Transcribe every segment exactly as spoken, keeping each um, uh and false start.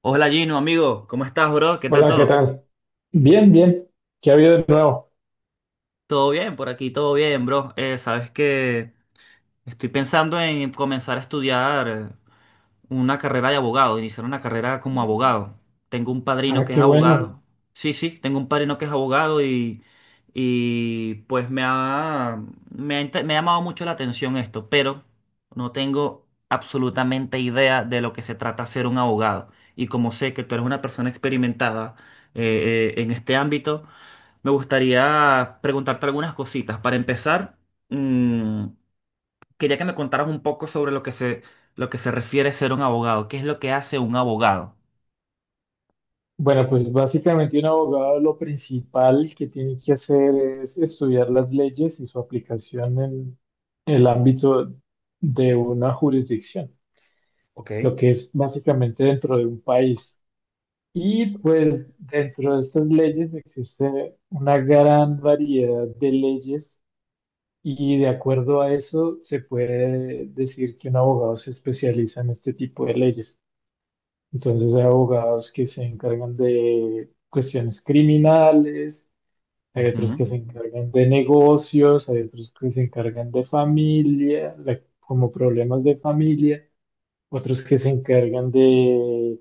Hola Gino, amigo, ¿cómo estás, bro? ¿Qué tal Hola, ¿qué todo? tal? Bien, bien. ¿Qué ha habido de nuevo? Todo bien, por aquí, todo bien, bro. Eh, sabes que estoy pensando en comenzar a estudiar eh, una carrera de abogado, iniciar una carrera como abogado. Tengo un padrino Ah, que es qué bueno. abogado. Sí, sí, tengo un padrino que es abogado y, y pues me ha, me ha, inte- me ha llamado mucho la atención esto, pero no tengo absolutamente idea de lo que se trata ser un abogado. Y como sé que tú eres una persona experimentada eh, eh, en este ámbito, me gustaría preguntarte algunas cositas. Para empezar, mm, quería que me contaras un poco sobre lo que se, lo que se refiere a ser un abogado. ¿Qué es lo que hace un abogado? Bueno, pues básicamente un abogado lo principal que tiene que hacer es estudiar las leyes y su aplicación en el ámbito de una jurisdicción, Ok. lo que es básicamente dentro de un país. Y pues dentro de estas leyes existe una gran variedad de leyes y de acuerdo a eso se puede decir que un abogado se especializa en este tipo de leyes. Entonces hay abogados que se encargan de cuestiones criminales, hay otros Ujú. que se encargan de negocios, hay otros que se encargan de familia, de- como problemas de familia, otros que se encargan de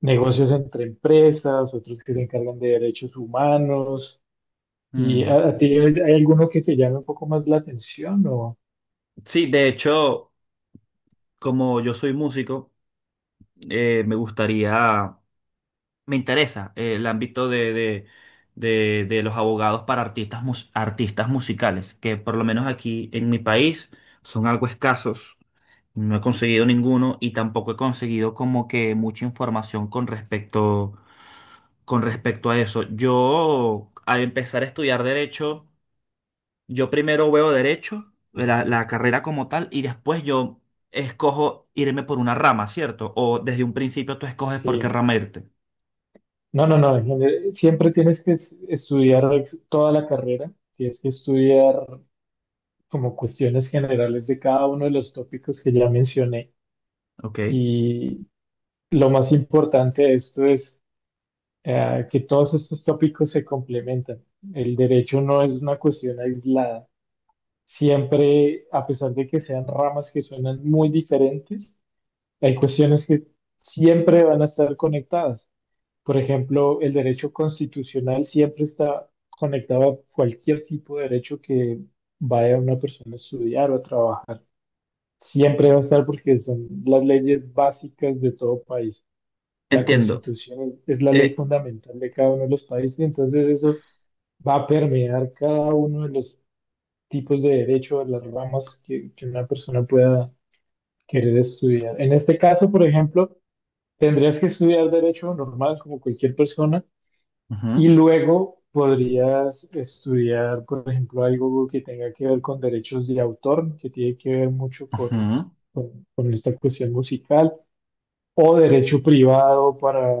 negocios entre empresas, otros que se encargan de derechos humanos. ¿Y Mm. a, a ti hay, hay alguno que te llame un poco más la atención o Sí, de hecho, como yo soy músico, eh, me gustaría, me interesa eh, el ámbito de, de, de, de los abogados para artistas, mus- artistas musicales, que por lo menos aquí en mi país son algo escasos. No he conseguido ninguno y tampoco he conseguido como que mucha información con respecto, con respecto a eso. Yo, al empezar a estudiar derecho, yo primero veo derecho, la, la carrera como tal, y después yo escojo irme por una rama, ¿cierto? O desde un principio tú escoges por qué sí? rama irte. No, no, no, en general, siempre tienes que es- estudiar ex- toda la carrera, tienes que estudiar como cuestiones generales de cada uno de los tópicos que ya mencioné. Ok. Y lo más importante de esto es eh, que todos estos tópicos se complementan. El derecho no es una cuestión aislada. Siempre, a pesar de que sean ramas que suenan muy diferentes, hay cuestiones que siempre van a estar conectadas. Por ejemplo, el derecho constitucional siempre está conectado a cualquier tipo de derecho que vaya una persona a estudiar o a trabajar. Siempre va a estar porque son las leyes básicas de todo país. La Entiendo. constitución es, es la ley Eh, fundamental de cada uno de los países, entonces eso va a permear cada uno de los tipos de derecho, de las ramas que, que una persona pueda querer estudiar. En este caso, por ejemplo, tendrías que estudiar derecho normal como cualquier persona y Ujú, luego podrías estudiar, por ejemplo, algo que tenga que ver con derechos de autor, que tiene que ver mucho con ujú, con, con esta cuestión musical, o derecho privado para,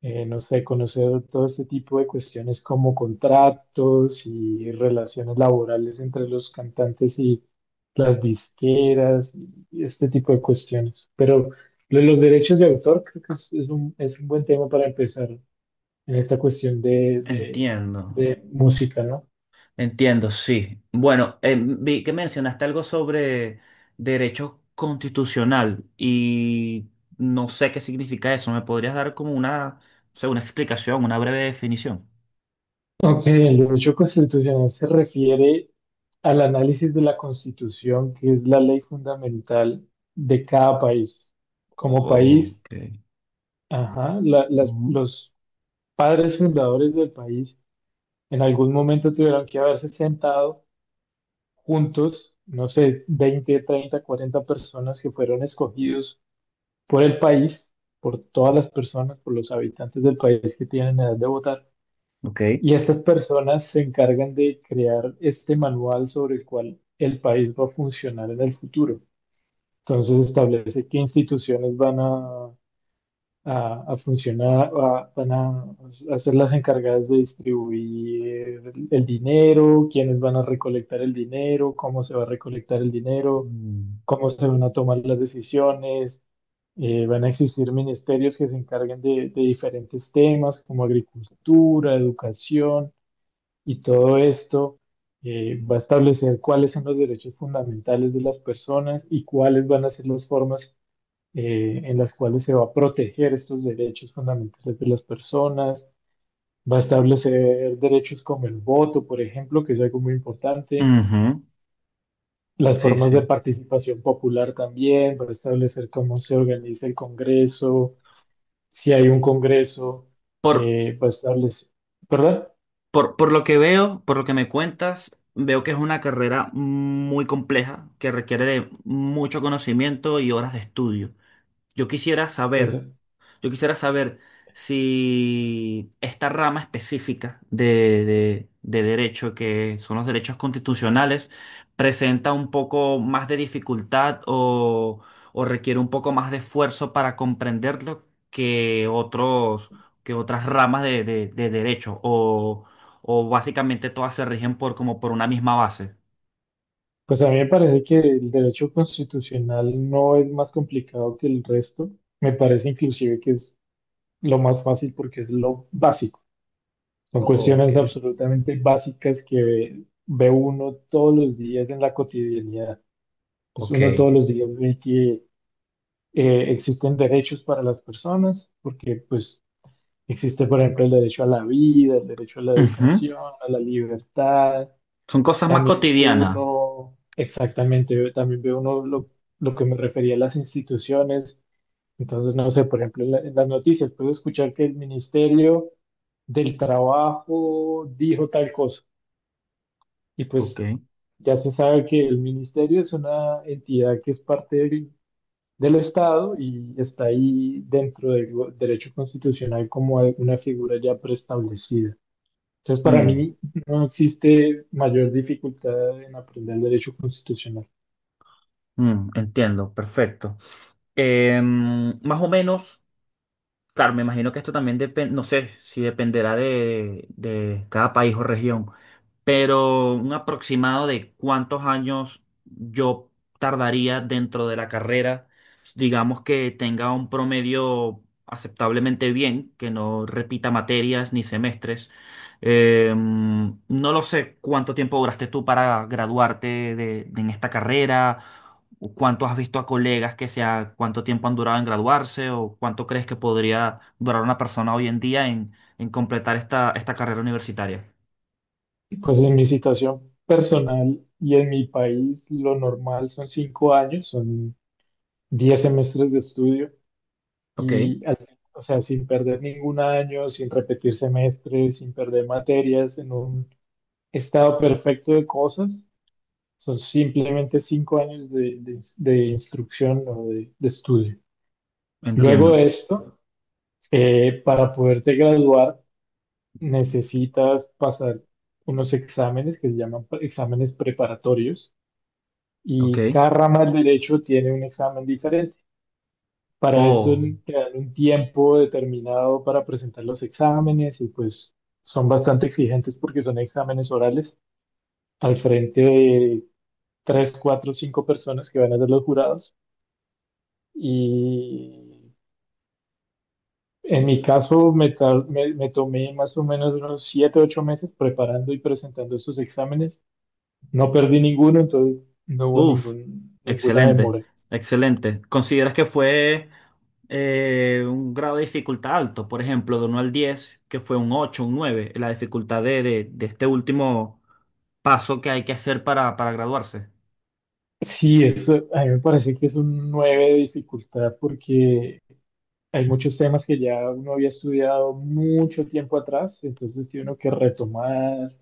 eh, no sé, conocer todo este tipo de cuestiones como contratos y relaciones laborales entre los cantantes y las disqueras y este tipo de cuestiones. Pero lo de los derechos de autor creo que es, es un, es un buen tema para empezar en esta cuestión de, de entiendo. de música, ¿no? Entiendo, sí. Bueno, eh, vi que mencionaste algo sobre derecho constitucional y no sé qué significa eso. ¿Me podrías dar como una, o sea, una explicación, una breve definición? Ok, el derecho constitucional se refiere al análisis de la Constitución, que es la ley fundamental de cada país. Como país, Ok. ajá, la- las- Ujú, los padres fundadores del país en algún momento tuvieron que haberse sentado juntos, no sé, veinte, treinta, cuarenta personas que fueron escogidos por el país, por todas las personas, por los habitantes del país que tienen edad de votar. ok. Y estas personas se encargan de crear este manual sobre el cual el país va a funcionar en el futuro. Entonces establece qué instituciones van a, a- a funcionar, a- van a, a ser las encargadas de distribuir el, el dinero, quiénes van a recolectar el dinero, cómo se va a recolectar el dinero, Mm. cómo se van a tomar las decisiones. Eh, van a existir ministerios que se encarguen de de diferentes temas como agricultura, educación y todo esto eh, va a establecer cuáles son los derechos fundamentales de las personas y cuáles van a ser las formas eh, en las cuales se va a proteger estos derechos fundamentales de las personas. Va a establecer derechos como el voto, por ejemplo, que es algo muy importante. Ujú, Las sí, formas de sí. participación popular también, va a establecer cómo se organiza el Congreso, si hay un Congreso, Por, eh, va a establecer, ¿verdad? por, por lo que veo, por lo que me cuentas, veo que es una carrera muy compleja que requiere de mucho conocimiento y horas de estudio. Yo quisiera Pues, saber, yo quisiera saber si esta rama específica de, de- de derecho, que son los derechos constitucionales, presenta un poco más de dificultad o, o requiere un poco más de esfuerzo para comprenderlo que otros, que otras ramas de, de- de derecho, o, o básicamente todas se rigen por como por una misma base. Pues a mí me parece que el derecho constitucional no es más complicado que el resto. Me parece inclusive que es lo más fácil porque es lo básico. Son Oh, ok. cuestiones absolutamente básicas que ve, ve uno todos los días en la cotidianidad. Pues Ok. uno todos los días ve que eh, existen derechos para las personas, porque pues existe, por ejemplo, el derecho a la vida, el derecho a la Ujú. educación, a la libertad. Son cosas más También veo cotidianas. uno, exactamente, veo- también veo uno lo, lo que me refería a las instituciones. Entonces, no sé, por ejemplo, en, la- en las noticias puedo escuchar que el Ministerio del Trabajo dijo tal cosa. Y Ok. pues ya se sabe que el ministerio es una entidad que es parte del, del Estado y está ahí dentro del go- derecho constitucional como una figura ya preestablecida. Entonces, para Mm. mí no existe mayor dificultad en aprender derecho constitucional. Mm, entiendo, perfecto. Em, Más o menos, claro, me imagino que esto también depende, no sé si dependerá de, de cada país o región, pero un aproximado de cuántos años yo tardaría dentro de la carrera, digamos que tenga un promedio aceptablemente bien, que no repita materias ni semestres. Eh, no lo sé cuánto tiempo duraste tú para graduarte de, de- en esta carrera, o cuánto has visto a colegas que sea, cuánto tiempo han durado en graduarse, o cuánto crees que podría durar una persona hoy en día en, en completar esta, esta carrera universitaria. Pues en mi situación personal y en mi país, lo normal son cinco años, son diez semestres de estudio. Ok. Y al fin- o sea, sin perder ningún año, sin repetir semestres, sin perder materias, en un estado perfecto de cosas, son simplemente cinco años de, de- de instrucción o de, de estudio. Luego Entiendo. de esto, eh, para poderte graduar, necesitas pasar unos exámenes que se llaman pre- exámenes preparatorios Ok. y cada rama del derecho tiene un examen diferente. Para esto Oh, te dan un tiempo determinado para presentar los exámenes y pues son bastante exigentes porque son exámenes orales al frente de tres, cuatro, cinco personas que van a ser los jurados. Y en mi caso me, tar- me- me tomé más o menos unos siete, ocho meses preparando y presentando estos exámenes. No perdí ninguno, entonces no hubo uff. ningún, ninguna Excelente. demora. Excelente. ¿Consideras que fue eh, un grado de dificultad alto? Por ejemplo, ¿de uno al diez, que fue un ocho, un nueve? La dificultad de, de, de este último paso que hay que hacer para, para graduarse. Sí, eso a mí me parece que es un nueve de dificultad porque hay muchos temas que ya uno había estudiado mucho tiempo atrás, entonces tiene uno que retomar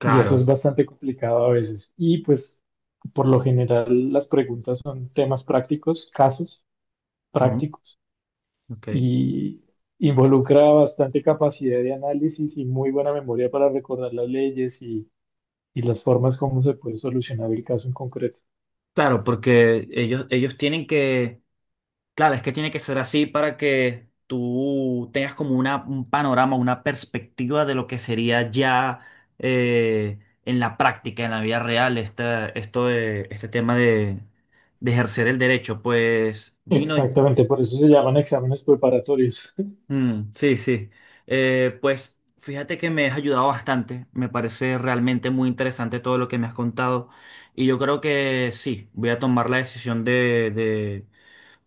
y eso es bastante complicado a veces. Y pues por lo general las preguntas son temas prácticos, casos Ujú, prácticos ok. y involucra bastante capacidad de análisis y muy buena memoria para recordar las leyes y, y las formas como se puede solucionar el caso en concreto. Claro, porque ellos, ellos tienen que... Claro, es que tiene que ser así para que tú tengas como una, un panorama, una perspectiva de lo que sería ya eh, en la práctica, en la vida real, esta- esto de, este tema de, de ejercer el derecho. Pues, Gino, Exactamente, por eso se llaman exámenes preparatorios. mm, sí, sí. Eh, pues fíjate que me has ayudado bastante. Me parece realmente muy interesante todo lo que me has contado. Y yo creo que sí, voy a tomar la decisión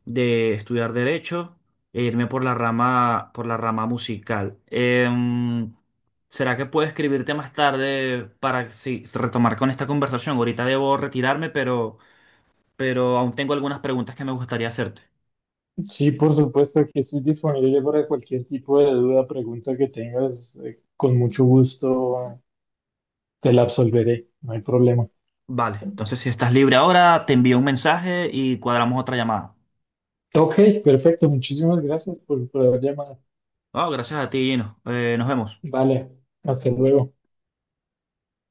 de estudiar derecho e irme por la rama, por la rama musical. Em, ¿será que puedo escribirte más tarde para sí, retomar con esta conversación? Ahorita debo retirarme, pero, pero aún tengo algunas preguntas que me gustaría hacerte. Sí, por supuesto, aquí estoy disponible para cualquier tipo de duda, pregunta que tengas, eh, con mucho gusto te la absolveré, no hay problema. Vale, entonces si estás libre ahora, te envío un mensaje y cuadramos otra llamada. Ok, perfecto, muchísimas gracias por, por haber llamado. Ah, gracias a ti, Gino. Eh, nos vemos. Vale, hasta luego.